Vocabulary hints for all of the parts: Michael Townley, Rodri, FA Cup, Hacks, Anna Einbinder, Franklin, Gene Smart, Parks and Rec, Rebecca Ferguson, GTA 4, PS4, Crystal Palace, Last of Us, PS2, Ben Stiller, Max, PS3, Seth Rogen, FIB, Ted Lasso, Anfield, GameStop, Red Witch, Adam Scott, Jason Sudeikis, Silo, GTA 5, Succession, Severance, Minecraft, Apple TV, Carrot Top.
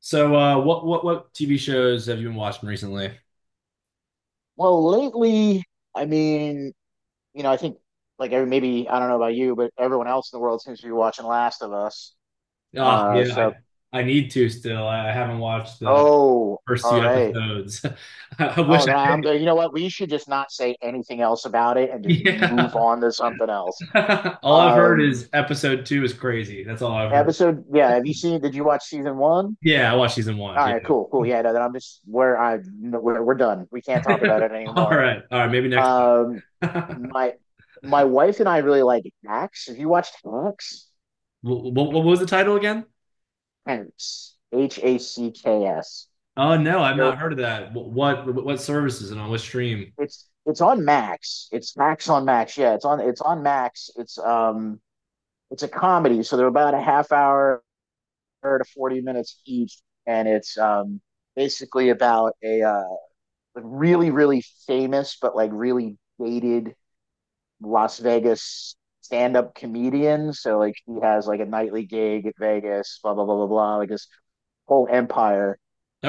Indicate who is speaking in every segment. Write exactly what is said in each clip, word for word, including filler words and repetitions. Speaker 1: So, uh, what what what T V shows have you been watching recently?
Speaker 2: Well, lately, I mean, you know, I think like every maybe I don't know about you, but everyone else in the world seems to be watching Last of Us.
Speaker 1: Oh,
Speaker 2: Uh,
Speaker 1: yeah,
Speaker 2: so
Speaker 1: I I need to still. I, haven't watched the
Speaker 2: oh,
Speaker 1: first
Speaker 2: all
Speaker 1: few
Speaker 2: right.
Speaker 1: episodes. I wish
Speaker 2: Oh, then I,
Speaker 1: I,
Speaker 2: I'm there. You know what? We should just not say anything else about it and just move
Speaker 1: yeah.
Speaker 2: on to something else.
Speaker 1: All I've heard
Speaker 2: Um,
Speaker 1: is episode two is crazy. That's all I've heard.
Speaker 2: Episode, yeah. Have you seen? Did you watch season one?
Speaker 1: Yeah, I watched season one.
Speaker 2: All
Speaker 1: Yeah.
Speaker 2: right, cool, cool. Yeah, no, then I'm just where I no, we're, we're done. We can't talk about it
Speaker 1: All
Speaker 2: anymore.
Speaker 1: right. All right, maybe next
Speaker 2: Um,
Speaker 1: time.
Speaker 2: my my wife and I really like Hacks. Have you watched Hacks?
Speaker 1: What, what, what was the title again?
Speaker 2: Hacks. H A C K S.
Speaker 1: Oh no, I've not
Speaker 2: So
Speaker 1: heard of that. Wh- What what, what services and on what stream?
Speaker 2: it's it's on Max. It's Max on Max. Yeah, it's on it's on Max. It's um it's a comedy, so they're about a half hour to forty minutes each, and it's um basically about a uh, really really famous but like really dated Las Vegas stand-up comedian. So like he has like a nightly gig at Vegas, blah blah blah blah blah. Like this whole empire,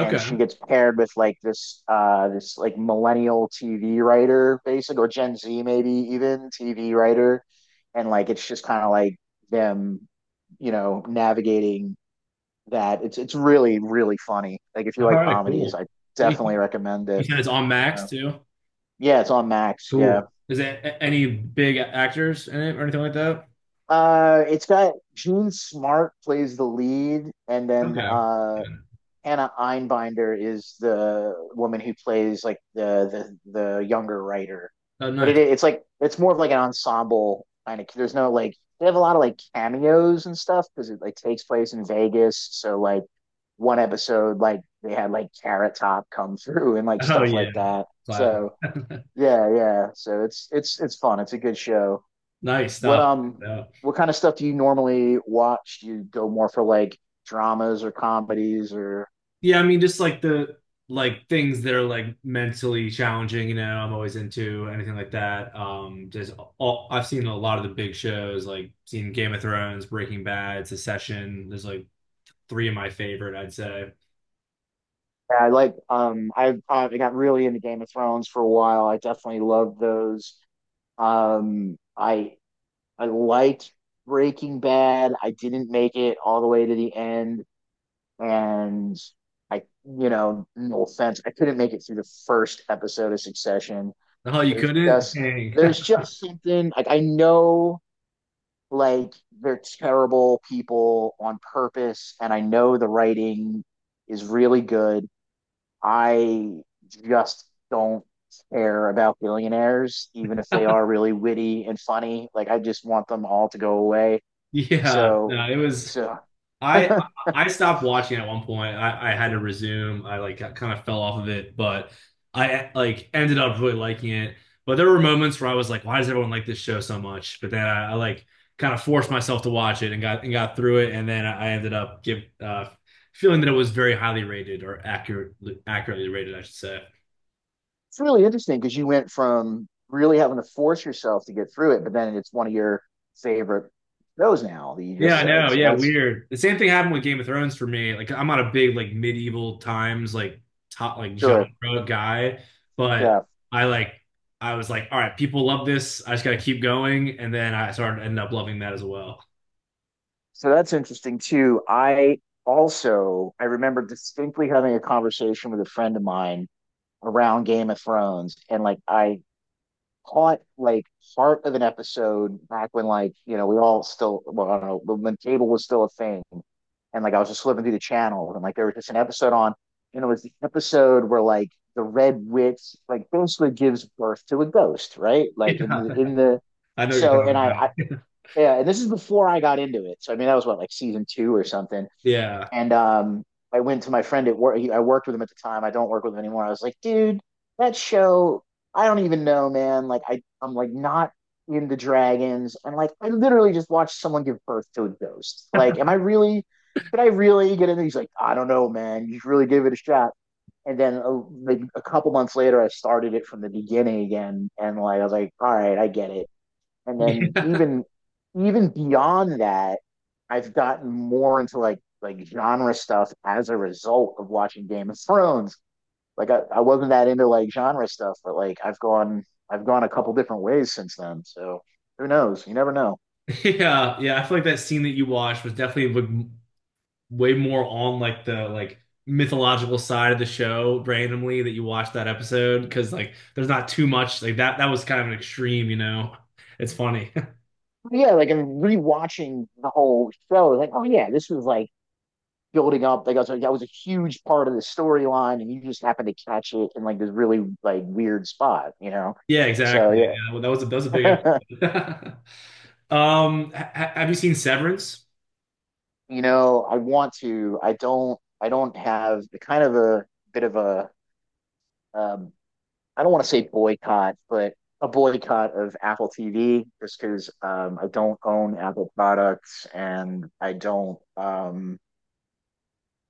Speaker 2: and she gets paired with like this uh this like millennial T V writer basic or Gen Z maybe even T V writer, and like it's just kind of like them, you know, navigating that. It's it's really really funny. Like if you
Speaker 1: All
Speaker 2: like
Speaker 1: right,
Speaker 2: comedies,
Speaker 1: cool.
Speaker 2: I
Speaker 1: You,
Speaker 2: definitely recommend
Speaker 1: you
Speaker 2: it.
Speaker 1: said it's on
Speaker 2: Yeah,
Speaker 1: Max too?
Speaker 2: yeah it's on Max, yeah.
Speaker 1: Cool. Is there a- any big actors in it or anything like that?
Speaker 2: Uh, it's got Gene Smart plays the lead, and then
Speaker 1: Okay.
Speaker 2: uh
Speaker 1: Yeah.
Speaker 2: Anna Einbinder is the woman who plays like the the, the younger writer,
Speaker 1: Oh,
Speaker 2: but it,
Speaker 1: nice.
Speaker 2: it's like it's more of like an ensemble kind of. There's no like they have a lot of like cameos and stuff because it like takes place in Vegas. So like one episode, like they had like Carrot Top come through and like
Speaker 1: Oh,
Speaker 2: stuff
Speaker 1: yeah.
Speaker 2: like that.
Speaker 1: Classic.
Speaker 2: So yeah, yeah. So it's it's it's fun. It's a good show.
Speaker 1: Nice
Speaker 2: What
Speaker 1: stuff.
Speaker 2: um
Speaker 1: Yeah.
Speaker 2: what kind of stuff do you normally watch? Do you go more for like dramas or comedies or
Speaker 1: Yeah, I mean, just like the like things that are like mentally challenging, you know, I'm always into anything like that. Um, just all I've seen a lot of the big shows, like seen Game of Thrones, Breaking Bad, Succession. There's like three of my favorite, I'd say.
Speaker 2: Yeah, I like um I uh, I got really into Game of Thrones for a while. I definitely loved those. Um I I liked Breaking Bad. I didn't make it all the way to the end, and I, you know, no offense, I couldn't make it through the first episode of Succession.
Speaker 1: Oh, you
Speaker 2: There's
Speaker 1: couldn't?
Speaker 2: just
Speaker 1: Dang.
Speaker 2: there's just something like I know, like they're terrible people on purpose, and I know the writing is really good. I just don't care about billionaires, even if they are really witty and funny. Like I just want them all to go away.
Speaker 1: Yeah,
Speaker 2: So,
Speaker 1: no, it was.
Speaker 2: so
Speaker 1: I
Speaker 2: it's
Speaker 1: I stopped watching at one point. I, I had to resume. I like kind of fell off of it, but I like ended up really liking it. But there were moments where I was like, why does everyone like this show so much? But then I, I like kind of forced myself to watch it and got and got through it, and then I ended up give uh, feeling that it was very highly rated or accurate accurately rated, I should say.
Speaker 2: really interesting because you went from really having to force yourself to get through it, but then it's one of your favorite shows now that you
Speaker 1: Yeah,
Speaker 2: just
Speaker 1: I
Speaker 2: said.
Speaker 1: know.
Speaker 2: So
Speaker 1: Yeah,
Speaker 2: that's
Speaker 1: weird. The same thing happened with Game of Thrones for me. Like, I'm not a big like medieval times like top like
Speaker 2: sure,
Speaker 1: genre guy, but
Speaker 2: yeah.
Speaker 1: I like I was like, all right, people love this. I just got to keep going, and then I started ended up loving that as well.
Speaker 2: So that's interesting too. I also I remember distinctly having a conversation with a friend of mine around Game of Thrones, and like I caught like part of an episode back when, like, you know, we all still well I don't know when cable was still a thing, and like I was just flipping through the channel and like there was just an episode on, and it was the episode where like the Red Witch like basically gives birth to a ghost, right? Like in
Speaker 1: Yeah,
Speaker 2: the in the
Speaker 1: I know what you're
Speaker 2: so and
Speaker 1: talking
Speaker 2: I, I
Speaker 1: about.
Speaker 2: yeah, and this is before I got into it. So I mean that was what, like season two or something.
Speaker 1: Yeah.
Speaker 2: And um, I went to my friend at work. I worked with him at the time. I don't work with him anymore. I was like, dude, that show, I don't even know, man. Like, I, I'm like not into dragons. And like, I literally just watched someone give birth to a ghost. Like, am I really, could I really get into it? He's like, I don't know, man. You should really give it a shot. And then a, like a couple months later, I started it from the beginning again. And like, I was like, all right, I get it, and then
Speaker 1: Yeah,
Speaker 2: even even beyond that, I've gotten more into like like genre stuff as a result of watching Game of Thrones. Like I, I wasn't that into like genre stuff, but like I've gone I've gone a couple different ways since then. So who knows? You never know.
Speaker 1: yeah, yeah. I feel like that scene that you watched was definitely like way more on like the like mythological side of the show randomly that you watch that episode because like there's not too much like that, that was kind of an extreme, you know, it's funny.
Speaker 2: But yeah, like I'm rewatching the whole show. Like, oh yeah, this was like building up. Like I was like, that was a huge part of the storyline, and you just happened to catch it in like this really like weird spot, you know?
Speaker 1: Yeah,
Speaker 2: So
Speaker 1: exactly. Yeah, well, that was a that was a big
Speaker 2: yeah.
Speaker 1: episode. Um ha ha- have you seen Severance?
Speaker 2: You know, I want to. I don't. I don't have the kind of a bit of a. Um, I don't want to say boycott, but a boycott of Apple T V just because um, I don't own Apple products, and I don't. Um,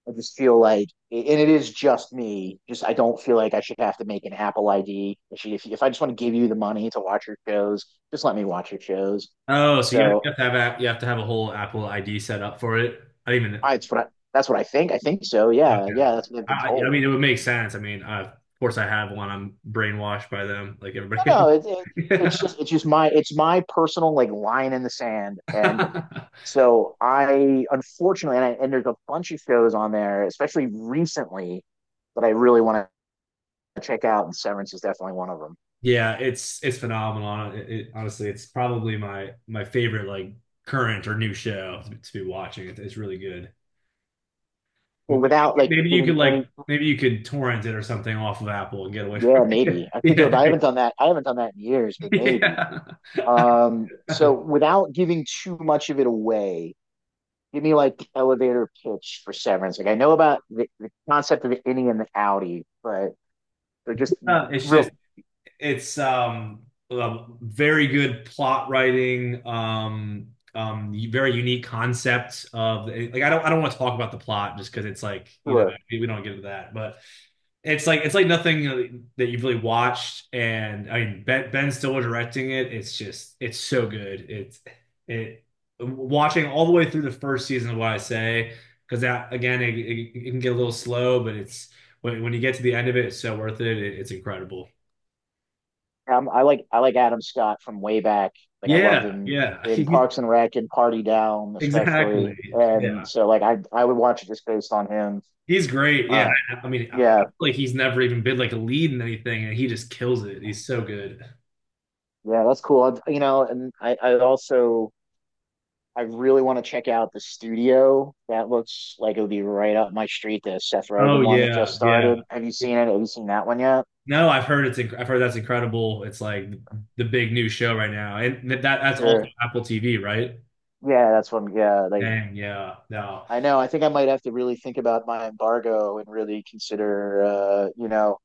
Speaker 2: I just feel like, and it is just me. Just I don't feel like I should have to make an Apple I D. If you- if I just want to give you the money to watch your shows, just let me watch your shows.
Speaker 1: Oh, so you have, you
Speaker 2: So
Speaker 1: have to have app you have to have a whole Apple I D set up for it, I didn't even,
Speaker 2: I, it's what I, that's what I think. I think so. Yeah,
Speaker 1: okay.
Speaker 2: yeah. That's what I've been
Speaker 1: I, I
Speaker 2: told.
Speaker 1: mean it would make sense. I mean, uh, of course I have one, I'm brainwashed by them like
Speaker 2: No,
Speaker 1: everybody
Speaker 2: no, it, it,
Speaker 1: else.
Speaker 2: it's just it's just my it's my personal like line in the sand, and
Speaker 1: Yeah.
Speaker 2: so I unfortunately and, I, and there's a bunch of shows on there, especially recently, that I really want to check out, and Severance is definitely one of them.
Speaker 1: Yeah, it's it's phenomenal. It, it- honestly, it's probably my my favorite like current or new show to, to be watching. It, it's really good.
Speaker 2: But
Speaker 1: M-
Speaker 2: without like
Speaker 1: Maybe you
Speaker 2: getting
Speaker 1: could
Speaker 2: any,
Speaker 1: like maybe you could torrent it or something off of Apple and get away from
Speaker 2: yeah,
Speaker 1: it.
Speaker 2: maybe I could go. But
Speaker 1: Yeah,
Speaker 2: I haven't done that. I haven't done that in years, but maybe. Um,
Speaker 1: yeah.
Speaker 2: so without giving too much of it away, give me like the elevator pitch for Severance. Like I know about the, the concept of the innie and the outie, but or just
Speaker 1: Uh, it's just
Speaker 2: real
Speaker 1: it's um uh, very good plot writing, um um very unique concept of like, I don't I don't want to talk about the plot just because it's like, you know,
Speaker 2: Sure.
Speaker 1: we don't get into that. But it's like, it's like nothing, you know, that you've really watched. And I mean, Ben Ben Stiller directing it, it's just it's so good, it's it watching all the way through the first season of what I say, because that again, it, it, it can get a little slow, but it's when, when you get to the end of it, it's so worth it, it it's incredible.
Speaker 2: Um, I like I like Adam Scott from way back. Like I loved
Speaker 1: Yeah,
Speaker 2: him
Speaker 1: yeah,
Speaker 2: in
Speaker 1: he,
Speaker 2: Parks and Rec and Party Down,
Speaker 1: exactly.
Speaker 2: especially. And
Speaker 1: Yeah,
Speaker 2: so like I I would watch it just based on him.
Speaker 1: he's great. Yeah,
Speaker 2: Uh,
Speaker 1: I, I mean, I, I feel
Speaker 2: yeah,
Speaker 1: like he's never even been like a lead in anything, and he just kills it. He's so good.
Speaker 2: yeah, that's cool. I you know, and I I also I really want to check out the studio. That looks like it would be right up my street. The Seth Rogen
Speaker 1: Oh
Speaker 2: one that just
Speaker 1: yeah, yeah.
Speaker 2: started. Have you
Speaker 1: It-
Speaker 2: seen it? Have you seen that one yet?
Speaker 1: No, I've heard it's inc- I've heard that's incredible. It's like the big new show right now, and that that's also
Speaker 2: Sure.
Speaker 1: Apple T V, right?
Speaker 2: Yeah, that's one. Yeah, like
Speaker 1: Dang, yeah, no,
Speaker 2: I know. I think I might have to really think about my embargo and really consider, uh, you know,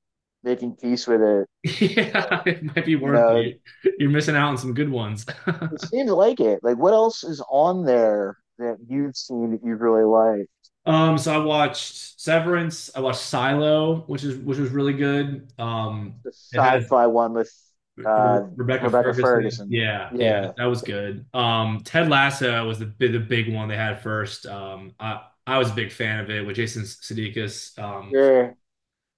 Speaker 2: making peace with it. So,
Speaker 1: yeah, it might be
Speaker 2: you
Speaker 1: worth
Speaker 2: know,
Speaker 1: it. You're missing out on some good ones.
Speaker 2: it seems like it. Like, what else is on there that you've seen that you really like?
Speaker 1: Um, so I watched Severance. I watched Silo, which is which was really good. Um,
Speaker 2: The
Speaker 1: it has
Speaker 2: sci-fi one with
Speaker 1: Re-
Speaker 2: uh,
Speaker 1: Rebecca
Speaker 2: Rebecca
Speaker 1: Ferguson.
Speaker 2: Ferguson.
Speaker 1: Yeah, yeah,
Speaker 2: Yeah.
Speaker 1: that was good. Um, Ted Lasso was the bi- the big one they had first. Um, I I was a big fan of it with Jason Sudeikis. Um,
Speaker 2: Yeah.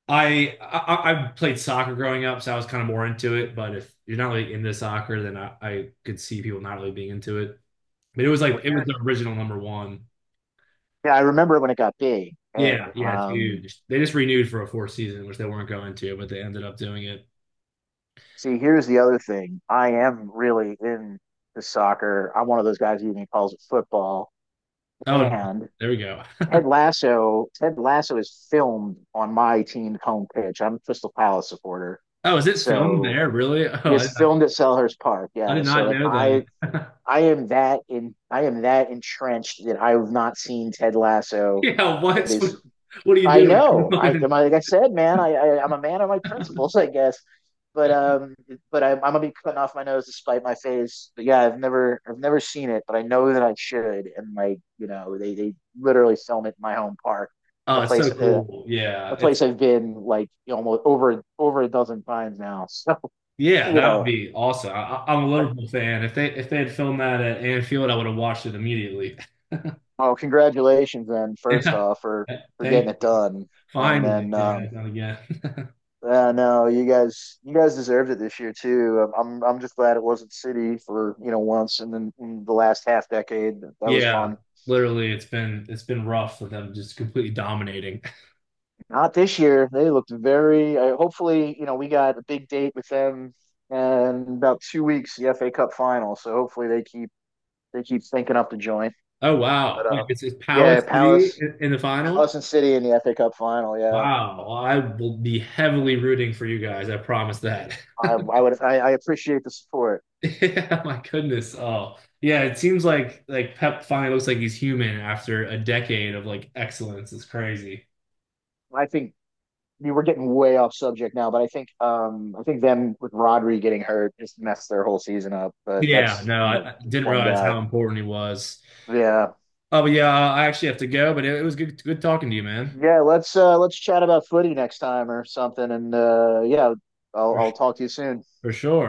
Speaker 1: I, I I played soccer growing up, so I was kind of more into it. But if you're not really into soccer, then I, I could see people not really being into it. But it was like
Speaker 2: Well,
Speaker 1: it was
Speaker 2: here's,
Speaker 1: the original number one.
Speaker 2: yeah, I remember when it got big. And
Speaker 1: Yeah, yeah, it's
Speaker 2: um,
Speaker 1: huge. They just renewed for a fourth season, which they weren't going to, but they ended up doing it.
Speaker 2: see, here's the other thing. I am really into soccer. I'm one of those guys who even calls it football.
Speaker 1: Oh,
Speaker 2: And
Speaker 1: there we go.
Speaker 2: Ted Lasso, Ted Lasso is filmed on my team's home pitch. I'm a Crystal Palace supporter.
Speaker 1: Oh, is it filmed
Speaker 2: So
Speaker 1: there? Really? Oh, I
Speaker 2: it's filmed at Selhurst Park.
Speaker 1: I
Speaker 2: Yeah.
Speaker 1: did
Speaker 2: So
Speaker 1: not
Speaker 2: like
Speaker 1: know
Speaker 2: I
Speaker 1: that.
Speaker 2: I am that in I am that entrenched that I have not seen Ted Lasso.
Speaker 1: Yeah,
Speaker 2: That
Speaker 1: what?
Speaker 2: is
Speaker 1: What are you
Speaker 2: I
Speaker 1: doing? Come
Speaker 2: know. I
Speaker 1: on.
Speaker 2: like I said, man. I, I I'm a man of my principles, I guess. But um, but I, I'm gonna be cutting off my nose to spite my face. But yeah, I've never I've never seen it, but I know that I should. And like you know, they they literally film it in my home park, in
Speaker 1: Oh,
Speaker 2: a
Speaker 1: it's so
Speaker 2: place uh,
Speaker 1: cool. Yeah,
Speaker 2: a
Speaker 1: it's
Speaker 2: place I've been like, you know, almost over over a dozen times now.
Speaker 1: yeah,
Speaker 2: So you
Speaker 1: that would
Speaker 2: know,
Speaker 1: be awesome. I, I- am a
Speaker 2: but,
Speaker 1: Liverpool fan. If they if they had filmed that at Anfield, I would have watched it immediately.
Speaker 2: oh, congratulations then, first
Speaker 1: Yeah.
Speaker 2: off, for for getting
Speaker 1: Thank
Speaker 2: it
Speaker 1: you.
Speaker 2: done, and
Speaker 1: Finally,
Speaker 2: then
Speaker 1: yeah,
Speaker 2: um.
Speaker 1: yeah, not again.
Speaker 2: Uh, no, you guys, you guys deserved it this year too. Um, I'm, I'm just glad it wasn't City for you know once, and then in the last half decade that was
Speaker 1: Yeah,
Speaker 2: fun.
Speaker 1: literally, it's been it's been rough for them, just completely dominating.
Speaker 2: Not this year. They looked very. Uh, hopefully, you know, we got a big date with them, and about two weeks the F A Cup final. So hopefully they keep they keep thinking up the joint.
Speaker 1: Oh
Speaker 2: But
Speaker 1: wow, wait,
Speaker 2: uh,
Speaker 1: it's, it's Power
Speaker 2: yeah,
Speaker 1: City
Speaker 2: Palace,
Speaker 1: in, in the final.
Speaker 2: Palace and City in the F A Cup final. Yeah,
Speaker 1: Wow, I will be heavily rooting for you guys. I promise that.
Speaker 2: I, I would, I, I appreciate the support.
Speaker 1: Yeah, my goodness. Oh, yeah. It seems like like Pep finally looks like he's human after a decade of like excellence. It's crazy.
Speaker 2: I think we were getting way off subject now, but I think um I think them with Rodri getting hurt just messed their whole season up. But
Speaker 1: Yeah,
Speaker 2: that's
Speaker 1: no,
Speaker 2: you
Speaker 1: I,
Speaker 2: know
Speaker 1: I didn't
Speaker 2: one
Speaker 1: realize
Speaker 2: guy.
Speaker 1: how important he was.
Speaker 2: Yeah.
Speaker 1: Oh, but yeah, I actually have to go. But it, it was good, good talking to you, man.
Speaker 2: Yeah, let's uh let's chat about footy next time or something. And uh yeah, I'll
Speaker 1: For,
Speaker 2: I'll talk to you soon.
Speaker 1: for sure.